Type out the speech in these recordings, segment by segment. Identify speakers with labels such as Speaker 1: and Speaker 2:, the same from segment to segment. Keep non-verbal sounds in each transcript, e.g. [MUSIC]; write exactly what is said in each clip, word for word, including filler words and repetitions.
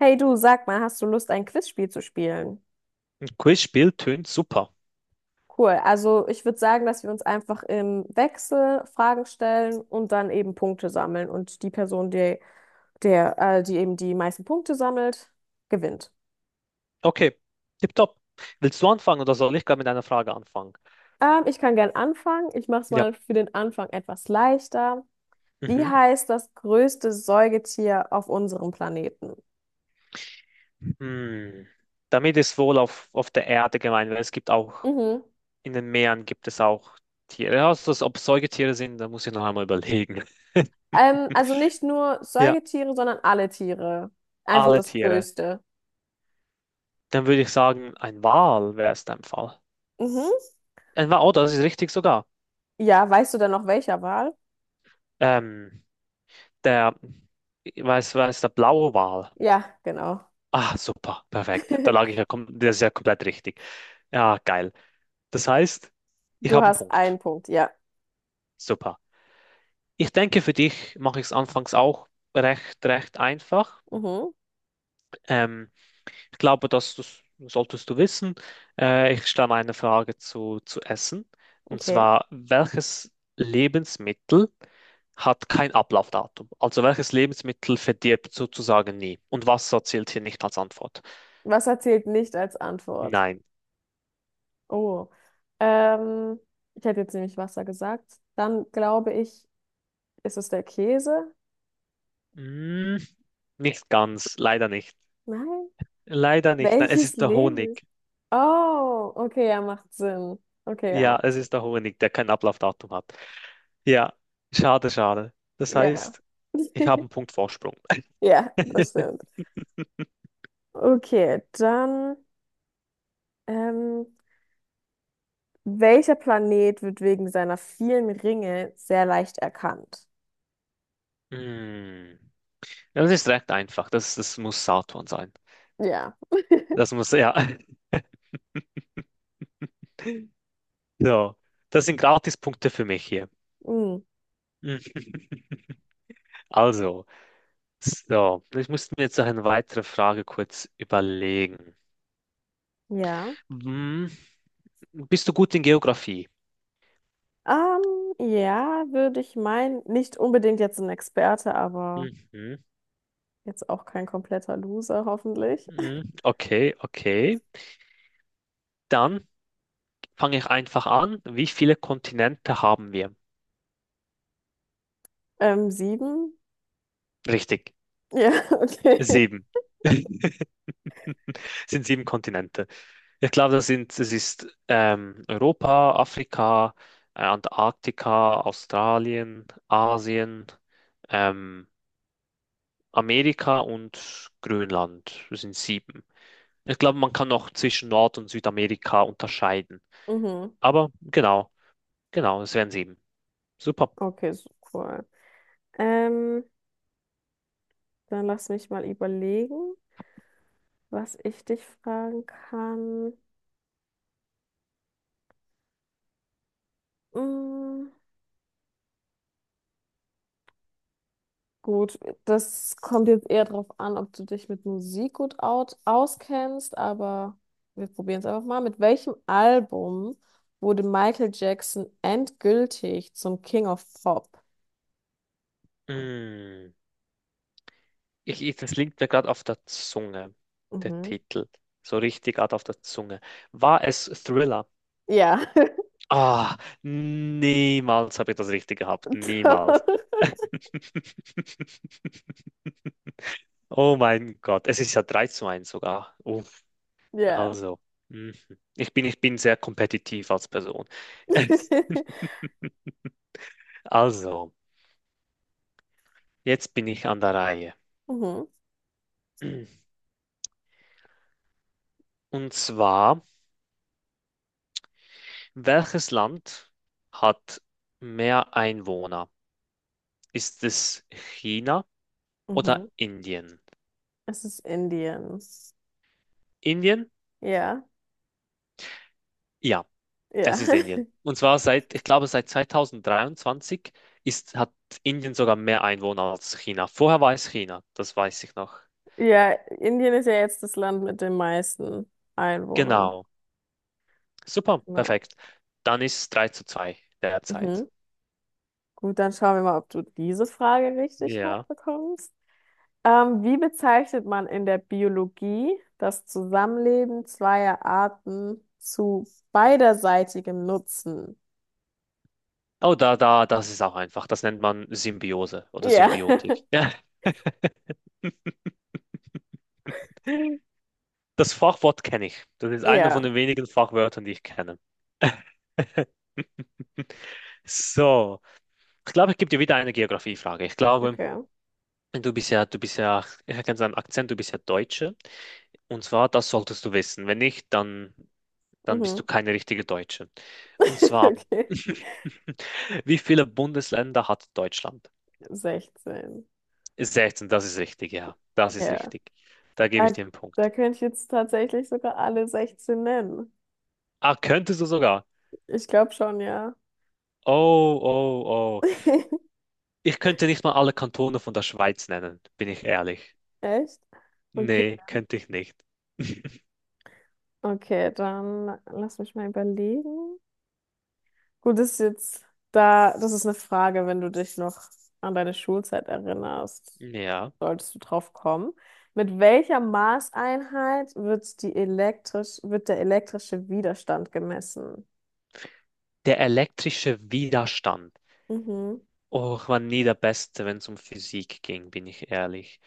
Speaker 1: Hey du, sag mal, hast du Lust, ein Quizspiel zu spielen?
Speaker 2: Ein Quizspiel tönt super.
Speaker 1: Cool. Also ich würde sagen, dass wir uns einfach im Wechsel Fragen stellen und dann eben Punkte sammeln. Und die Person, die, der, äh, die eben die meisten Punkte sammelt, gewinnt.
Speaker 2: Okay, tipptopp. Willst du anfangen oder soll ich gar mit einer Frage anfangen?
Speaker 1: Ähm, ich kann gern anfangen. Ich mache es
Speaker 2: Ja.
Speaker 1: mal für den Anfang etwas leichter. Wie
Speaker 2: Mhm.
Speaker 1: heißt das größte Säugetier auf unserem Planeten?
Speaker 2: Hm. Damit ist wohl auf, auf der Erde gemeint, weil es gibt auch,
Speaker 1: Mhm.
Speaker 2: in den Meeren gibt es auch Tiere. Also, ob es Säugetiere sind, da muss ich noch einmal überlegen.
Speaker 1: Ähm, also nicht nur
Speaker 2: Ja,
Speaker 1: Säugetiere, sondern alle Tiere. Einfach
Speaker 2: alle
Speaker 1: das
Speaker 2: Tiere.
Speaker 1: größte.
Speaker 2: Dann würde ich sagen, ein Wal wäre es dein Fall.
Speaker 1: Mhm.
Speaker 2: Ein Wal, oh, das ist richtig sogar.
Speaker 1: Ja, weißt du denn noch welcher Wal?
Speaker 2: Ähm, der, weiß, weiß, der blaue Wal.
Speaker 1: Ja, genau.
Speaker 2: Ah, super, perfekt. Da lag ich ja,
Speaker 1: [LAUGHS]
Speaker 2: kom- das ist ja komplett richtig. Ja, geil. Das heißt, ich
Speaker 1: Du
Speaker 2: habe einen
Speaker 1: hast
Speaker 2: Punkt.
Speaker 1: einen Punkt, ja.
Speaker 2: Super. Ich denke, für dich mache ich es anfangs auch recht, recht einfach.
Speaker 1: Mhm,
Speaker 2: Ähm, Ich glaube, dass das solltest du wissen. Äh, ich stelle eine Frage zu, zu Essen. Und
Speaker 1: okay.
Speaker 2: zwar, welches Lebensmittel hat kein Ablaufdatum? Also welches Lebensmittel verdirbt sozusagen nie? Und Wasser zählt hier nicht als Antwort.
Speaker 1: Wasser zählt nicht als Antwort.
Speaker 2: Nein.
Speaker 1: Oh. Ähm, Ich hätte jetzt nämlich Wasser gesagt. Dann glaube ich, ist es der Käse?
Speaker 2: Mm, nicht ganz. Leider nicht.
Speaker 1: Nein.
Speaker 2: Leider
Speaker 1: [LAUGHS]
Speaker 2: nicht. Nein, es
Speaker 1: Welches
Speaker 2: ist der
Speaker 1: Lebens?
Speaker 2: Honig.
Speaker 1: Oh, okay, ja, macht Sinn. Okay, ja,
Speaker 2: Ja,
Speaker 1: macht
Speaker 2: es
Speaker 1: Sinn.
Speaker 2: ist der Honig, der kein Ablaufdatum hat. Ja, schade, schade. Das
Speaker 1: Ja.
Speaker 2: heißt, ich habe einen
Speaker 1: [LAUGHS]
Speaker 2: Punkt Vorsprung.
Speaker 1: Ja, das
Speaker 2: [LAUGHS]
Speaker 1: stimmt. Okay, dann, ähm, welcher Planet wird wegen seiner vielen Ringe sehr leicht erkannt?
Speaker 2: Mm. Ja, das ist recht einfach. Das, das muss Saturn sein.
Speaker 1: Ja.
Speaker 2: Das muss, ja. [LAUGHS] So, das sind Gratispunkte für mich hier.
Speaker 1: Hm.
Speaker 2: Mhm. [LAUGHS] Also, so, ich musste mir jetzt noch eine weitere Frage kurz überlegen.
Speaker 1: Ja.
Speaker 2: Hm, bist du gut in Geografie?
Speaker 1: Ähm, ja, würde ich meinen, nicht unbedingt jetzt ein Experte, aber
Speaker 2: Mhm.
Speaker 1: jetzt auch kein kompletter Loser, hoffentlich. [LAUGHS]
Speaker 2: Mhm. Okay, okay. Dann fange ich einfach an. Wie viele Kontinente haben wir?
Speaker 1: Ähm, sieben?
Speaker 2: Richtig,
Speaker 1: Ja, [LAUGHS] okay.
Speaker 2: sieben. [LAUGHS] sind sieben Kontinente. Ich glaube, das sind, das ist ähm, Europa, Afrika, äh, Antarktika, Australien, Asien, ähm, Amerika und Grönland. Das sind sieben. Ich glaube, man kann noch zwischen Nord- und Südamerika unterscheiden.
Speaker 1: Mhm.
Speaker 2: Aber genau, genau, es wären sieben. Super.
Speaker 1: Okay, so cool. Ähm, Dann lass mich mal überlegen, was ich dich fragen kann. Mm. Gut, das kommt jetzt eher darauf an, ob du dich mit Musik gut out auskennst, aber wir probieren es einfach mal. Mit welchem Album wurde Michael Jackson endgültig zum King of Pop?
Speaker 2: Mm, ich, ich, das liegt mir gerade auf der Zunge, der
Speaker 1: Mhm.
Speaker 2: Titel. So richtig gerade auf der Zunge. War es Thriller?
Speaker 1: Ja.
Speaker 2: Ah, niemals habe ich das richtig
Speaker 1: [LAUGHS]
Speaker 2: gehabt. Niemals.
Speaker 1: Doch.
Speaker 2: [LAUGHS] Oh mein Gott, es ist ja drei zu eins sogar. Uff,
Speaker 1: Ja.
Speaker 2: also, mhm. ich bin, ich bin sehr kompetitiv als Person. [LAUGHS]
Speaker 1: [LAUGHS]
Speaker 2: Also, jetzt bin ich an der Reihe.
Speaker 1: Mhm.
Speaker 2: Und zwar, welches Land hat mehr Einwohner? Ist es China
Speaker 1: Mhm.
Speaker 2: oder Indien?
Speaker 1: Es ist Indien.
Speaker 2: Indien?
Speaker 1: Ja.
Speaker 2: Ja. Es
Speaker 1: Ja.
Speaker 2: ist Indien.
Speaker 1: [LAUGHS]
Speaker 2: Und zwar seit, ich glaube, seit zwanzig dreiundzwanzig ist, hat Indien sogar mehr Einwohner als China. Vorher war es China, das weiß ich noch.
Speaker 1: Ja, Indien ist ja jetzt das Land mit den meisten Einwohnern.
Speaker 2: Genau. Super,
Speaker 1: Genau.
Speaker 2: perfekt. Dann ist es 3 zu zwei derzeit.
Speaker 1: Mhm. Gut, dann schauen wir mal, ob du diese Frage richtig ha-
Speaker 2: Ja.
Speaker 1: bekommst. Ähm, wie bezeichnet man in der Biologie das Zusammenleben zweier Arten zu beiderseitigem Nutzen?
Speaker 2: Oh, da, da, das ist auch einfach. Das nennt man Symbiose oder
Speaker 1: Ja,
Speaker 2: Symbiotik. Ja. [LAUGHS] Das Fachwort kenne ich. Das ist einer
Speaker 1: [LAUGHS]
Speaker 2: von den
Speaker 1: ja,
Speaker 2: wenigen Fachwörtern, die ich kenne. [LAUGHS] So, ich glaube, ich gebe dir wieder eine Geografiefrage. Ich glaube,
Speaker 1: okay.
Speaker 2: Du bist ja, du bist ja, ich erkenne seinen Akzent, du bist ja Deutsche. Und zwar, das solltest du wissen. Wenn nicht, dann, dann bist du
Speaker 1: Mhm.
Speaker 2: keine richtige Deutsche. Und
Speaker 1: [LAUGHS]
Speaker 2: zwar,
Speaker 1: Okay,
Speaker 2: [LAUGHS] wie viele Bundesländer hat Deutschland?
Speaker 1: sechzehn.
Speaker 2: Sechzehn. Das ist richtig, ja. Das ist
Speaker 1: Ja,
Speaker 2: richtig. Da gebe ich
Speaker 1: da,
Speaker 2: dir einen
Speaker 1: da
Speaker 2: Punkt.
Speaker 1: könnte ich jetzt tatsächlich sogar alle sechzehn nennen.
Speaker 2: Ah, könntest du sogar.
Speaker 1: Ich glaube schon, ja.
Speaker 2: Oh, oh, oh.
Speaker 1: [LAUGHS]
Speaker 2: Ich könnte nicht mal alle Kantone von der Schweiz nennen, bin ich ehrlich.
Speaker 1: Echt? Okay,
Speaker 2: Nee, könnte ich nicht. [LAUGHS]
Speaker 1: okay, dann lass mich mal überlegen. Gut, das ist jetzt da, das ist eine Frage, wenn du dich noch an deine Schulzeit erinnerst,
Speaker 2: Ja.
Speaker 1: solltest du drauf kommen. Mit welcher Maßeinheit wird die elektrisch, wird der elektrische Widerstand gemessen?
Speaker 2: Der elektrische Widerstand.
Speaker 1: Mhm.
Speaker 2: Oh, ich war nie der Beste, wenn es um Physik ging, bin ich ehrlich.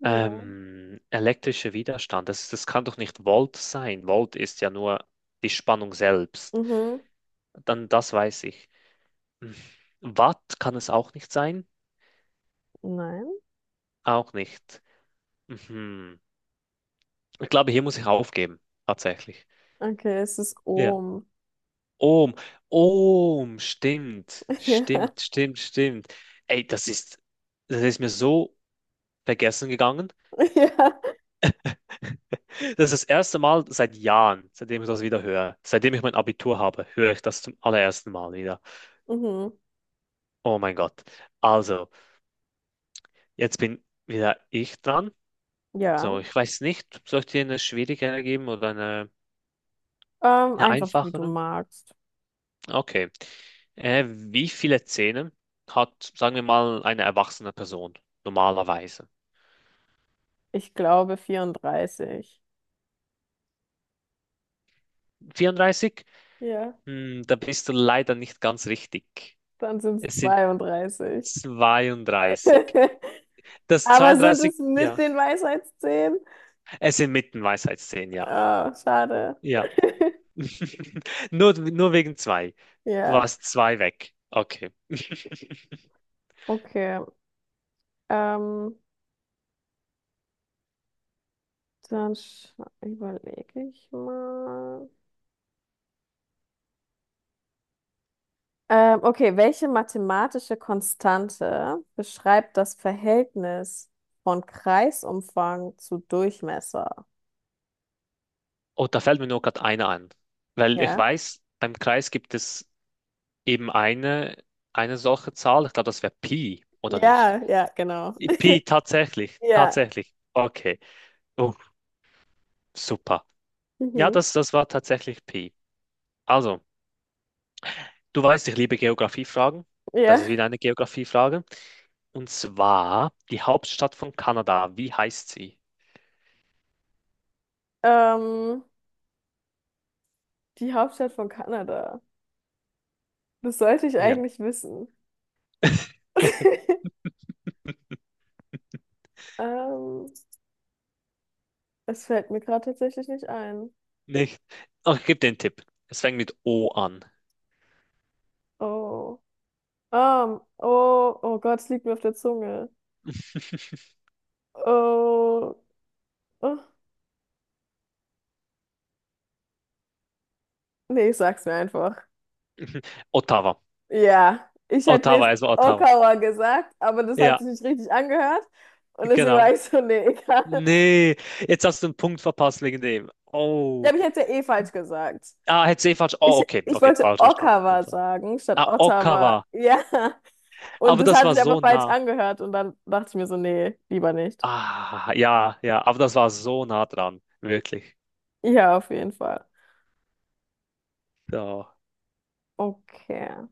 Speaker 1: Ja.
Speaker 2: Ähm, elektrischer Widerstand, das, das kann doch nicht Volt sein. Volt ist ja nur die Spannung selbst.
Speaker 1: Mhm.
Speaker 2: Dann das weiß ich. Hm. Watt kann es auch nicht sein?
Speaker 1: Nein.
Speaker 2: Auch nicht. Mhm. Ich glaube, hier muss ich aufgeben, tatsächlich.
Speaker 1: Okay, es ist
Speaker 2: Ja.
Speaker 1: Ohm.
Speaker 2: Ohm, Ohm, stimmt,
Speaker 1: [LAUGHS] Ja.
Speaker 2: stimmt, stimmt, stimmt. Ey, das ist, das ist mir so vergessen gegangen.
Speaker 1: Ja.
Speaker 2: [LAUGHS] Das ist das erste Mal seit Jahren, seitdem ich das wieder höre. Seitdem ich mein Abitur habe, höre ich das zum allerersten Mal wieder.
Speaker 1: Mhm.
Speaker 2: Oh mein Gott. Also, jetzt bin wieder ich dran. So,
Speaker 1: Ja.
Speaker 2: ich weiß nicht, soll ich dir eine schwierigere geben oder eine,
Speaker 1: Ähm,
Speaker 2: eine
Speaker 1: einfach wie du
Speaker 2: einfachere?
Speaker 1: magst.
Speaker 2: Okay. Äh, wie viele Zähne hat, sagen wir mal, eine erwachsene Person normalerweise?
Speaker 1: Ich glaube vierunddreißig.
Speaker 2: vierunddreißig?
Speaker 1: Ja,
Speaker 2: Hm, da bist du leider nicht ganz richtig.
Speaker 1: dann sind es
Speaker 2: Es sind
Speaker 1: zweiunddreißig.
Speaker 2: zweiunddreißig.
Speaker 1: [LAUGHS]
Speaker 2: Das
Speaker 1: Aber sind
Speaker 2: zweiunddreißig,
Speaker 1: es mit
Speaker 2: ja.
Speaker 1: den Weisheitszähnen?
Speaker 2: Es sind mitten Weisheitszähne, ja.
Speaker 1: Ah, schade.
Speaker 2: Ja.
Speaker 1: [LAUGHS]
Speaker 2: [LAUGHS] Nur, nur wegen zwei. Du
Speaker 1: Ja,
Speaker 2: warst zwei weg. Okay. [LAUGHS]
Speaker 1: okay. Ähm, Dann überlege ich mal. Ähm, okay, welche mathematische Konstante beschreibt das Verhältnis von Kreisumfang zu Durchmesser?
Speaker 2: Oh, da fällt mir nur gerade eine an. Weil ich
Speaker 1: Ja.
Speaker 2: weiß, beim Kreis gibt es eben eine, eine solche Zahl. Ich glaube, das wäre Pi, oder nicht?
Speaker 1: Ja, ja, genau.
Speaker 2: Pi, tatsächlich.
Speaker 1: Ja.
Speaker 2: Tatsächlich. Okay. Oh, super. Ja,
Speaker 1: Mhm.
Speaker 2: das, das war tatsächlich Pi. Also, du weißt, ich liebe Geografiefragen. Das ist
Speaker 1: Ja.
Speaker 2: wieder eine Geografiefrage. Und zwar die Hauptstadt von Kanada. Wie heißt sie?
Speaker 1: Ähm, Die Hauptstadt von Kanada. Das sollte ich
Speaker 2: Ja,
Speaker 1: eigentlich wissen.
Speaker 2: [LAUGHS]
Speaker 1: [LAUGHS] Ähm, Es fällt mir gerade tatsächlich nicht ein.
Speaker 2: nicht. Oh, ich gebe dir einen Tipp. Es fängt mit O an.
Speaker 1: Oh. Um, oh, oh Gott, es liegt mir auf der Zunge.
Speaker 2: [LAUGHS]
Speaker 1: Oh. Oh. Nee, ich sag's mir einfach.
Speaker 2: Ottawa.
Speaker 1: Ja, ich hätte
Speaker 2: Ottawa,
Speaker 1: nicht
Speaker 2: also Ottawa.
Speaker 1: Okawa gesagt, aber das hat
Speaker 2: Ja,
Speaker 1: sich nicht richtig angehört. Und deswegen war
Speaker 2: genau.
Speaker 1: ich so, nee, [LAUGHS] egal.
Speaker 2: Nee, jetzt hast du einen Punkt verpasst wegen dem.
Speaker 1: Ja,
Speaker 2: Oh.
Speaker 1: aber ich hätte ja eh falsch gesagt.
Speaker 2: Ah, hätte ich eh falsch.
Speaker 1: Ich,
Speaker 2: Oh, okay,
Speaker 1: ich
Speaker 2: okay,
Speaker 1: wollte
Speaker 2: falsch verstanden. In dem
Speaker 1: Okawa
Speaker 2: Fall.
Speaker 1: sagen, statt
Speaker 2: Ah,
Speaker 1: Ottawa.
Speaker 2: Ottawa.
Speaker 1: Ja. Und
Speaker 2: Aber
Speaker 1: das
Speaker 2: das
Speaker 1: hat
Speaker 2: war
Speaker 1: sich aber
Speaker 2: so
Speaker 1: falsch
Speaker 2: nah.
Speaker 1: angehört. Und dann dachte ich mir so, nee, lieber nicht.
Speaker 2: Ah, ja, ja, aber das war so nah dran. Wirklich.
Speaker 1: Ja, auf jeden Fall.
Speaker 2: So.
Speaker 1: Okay.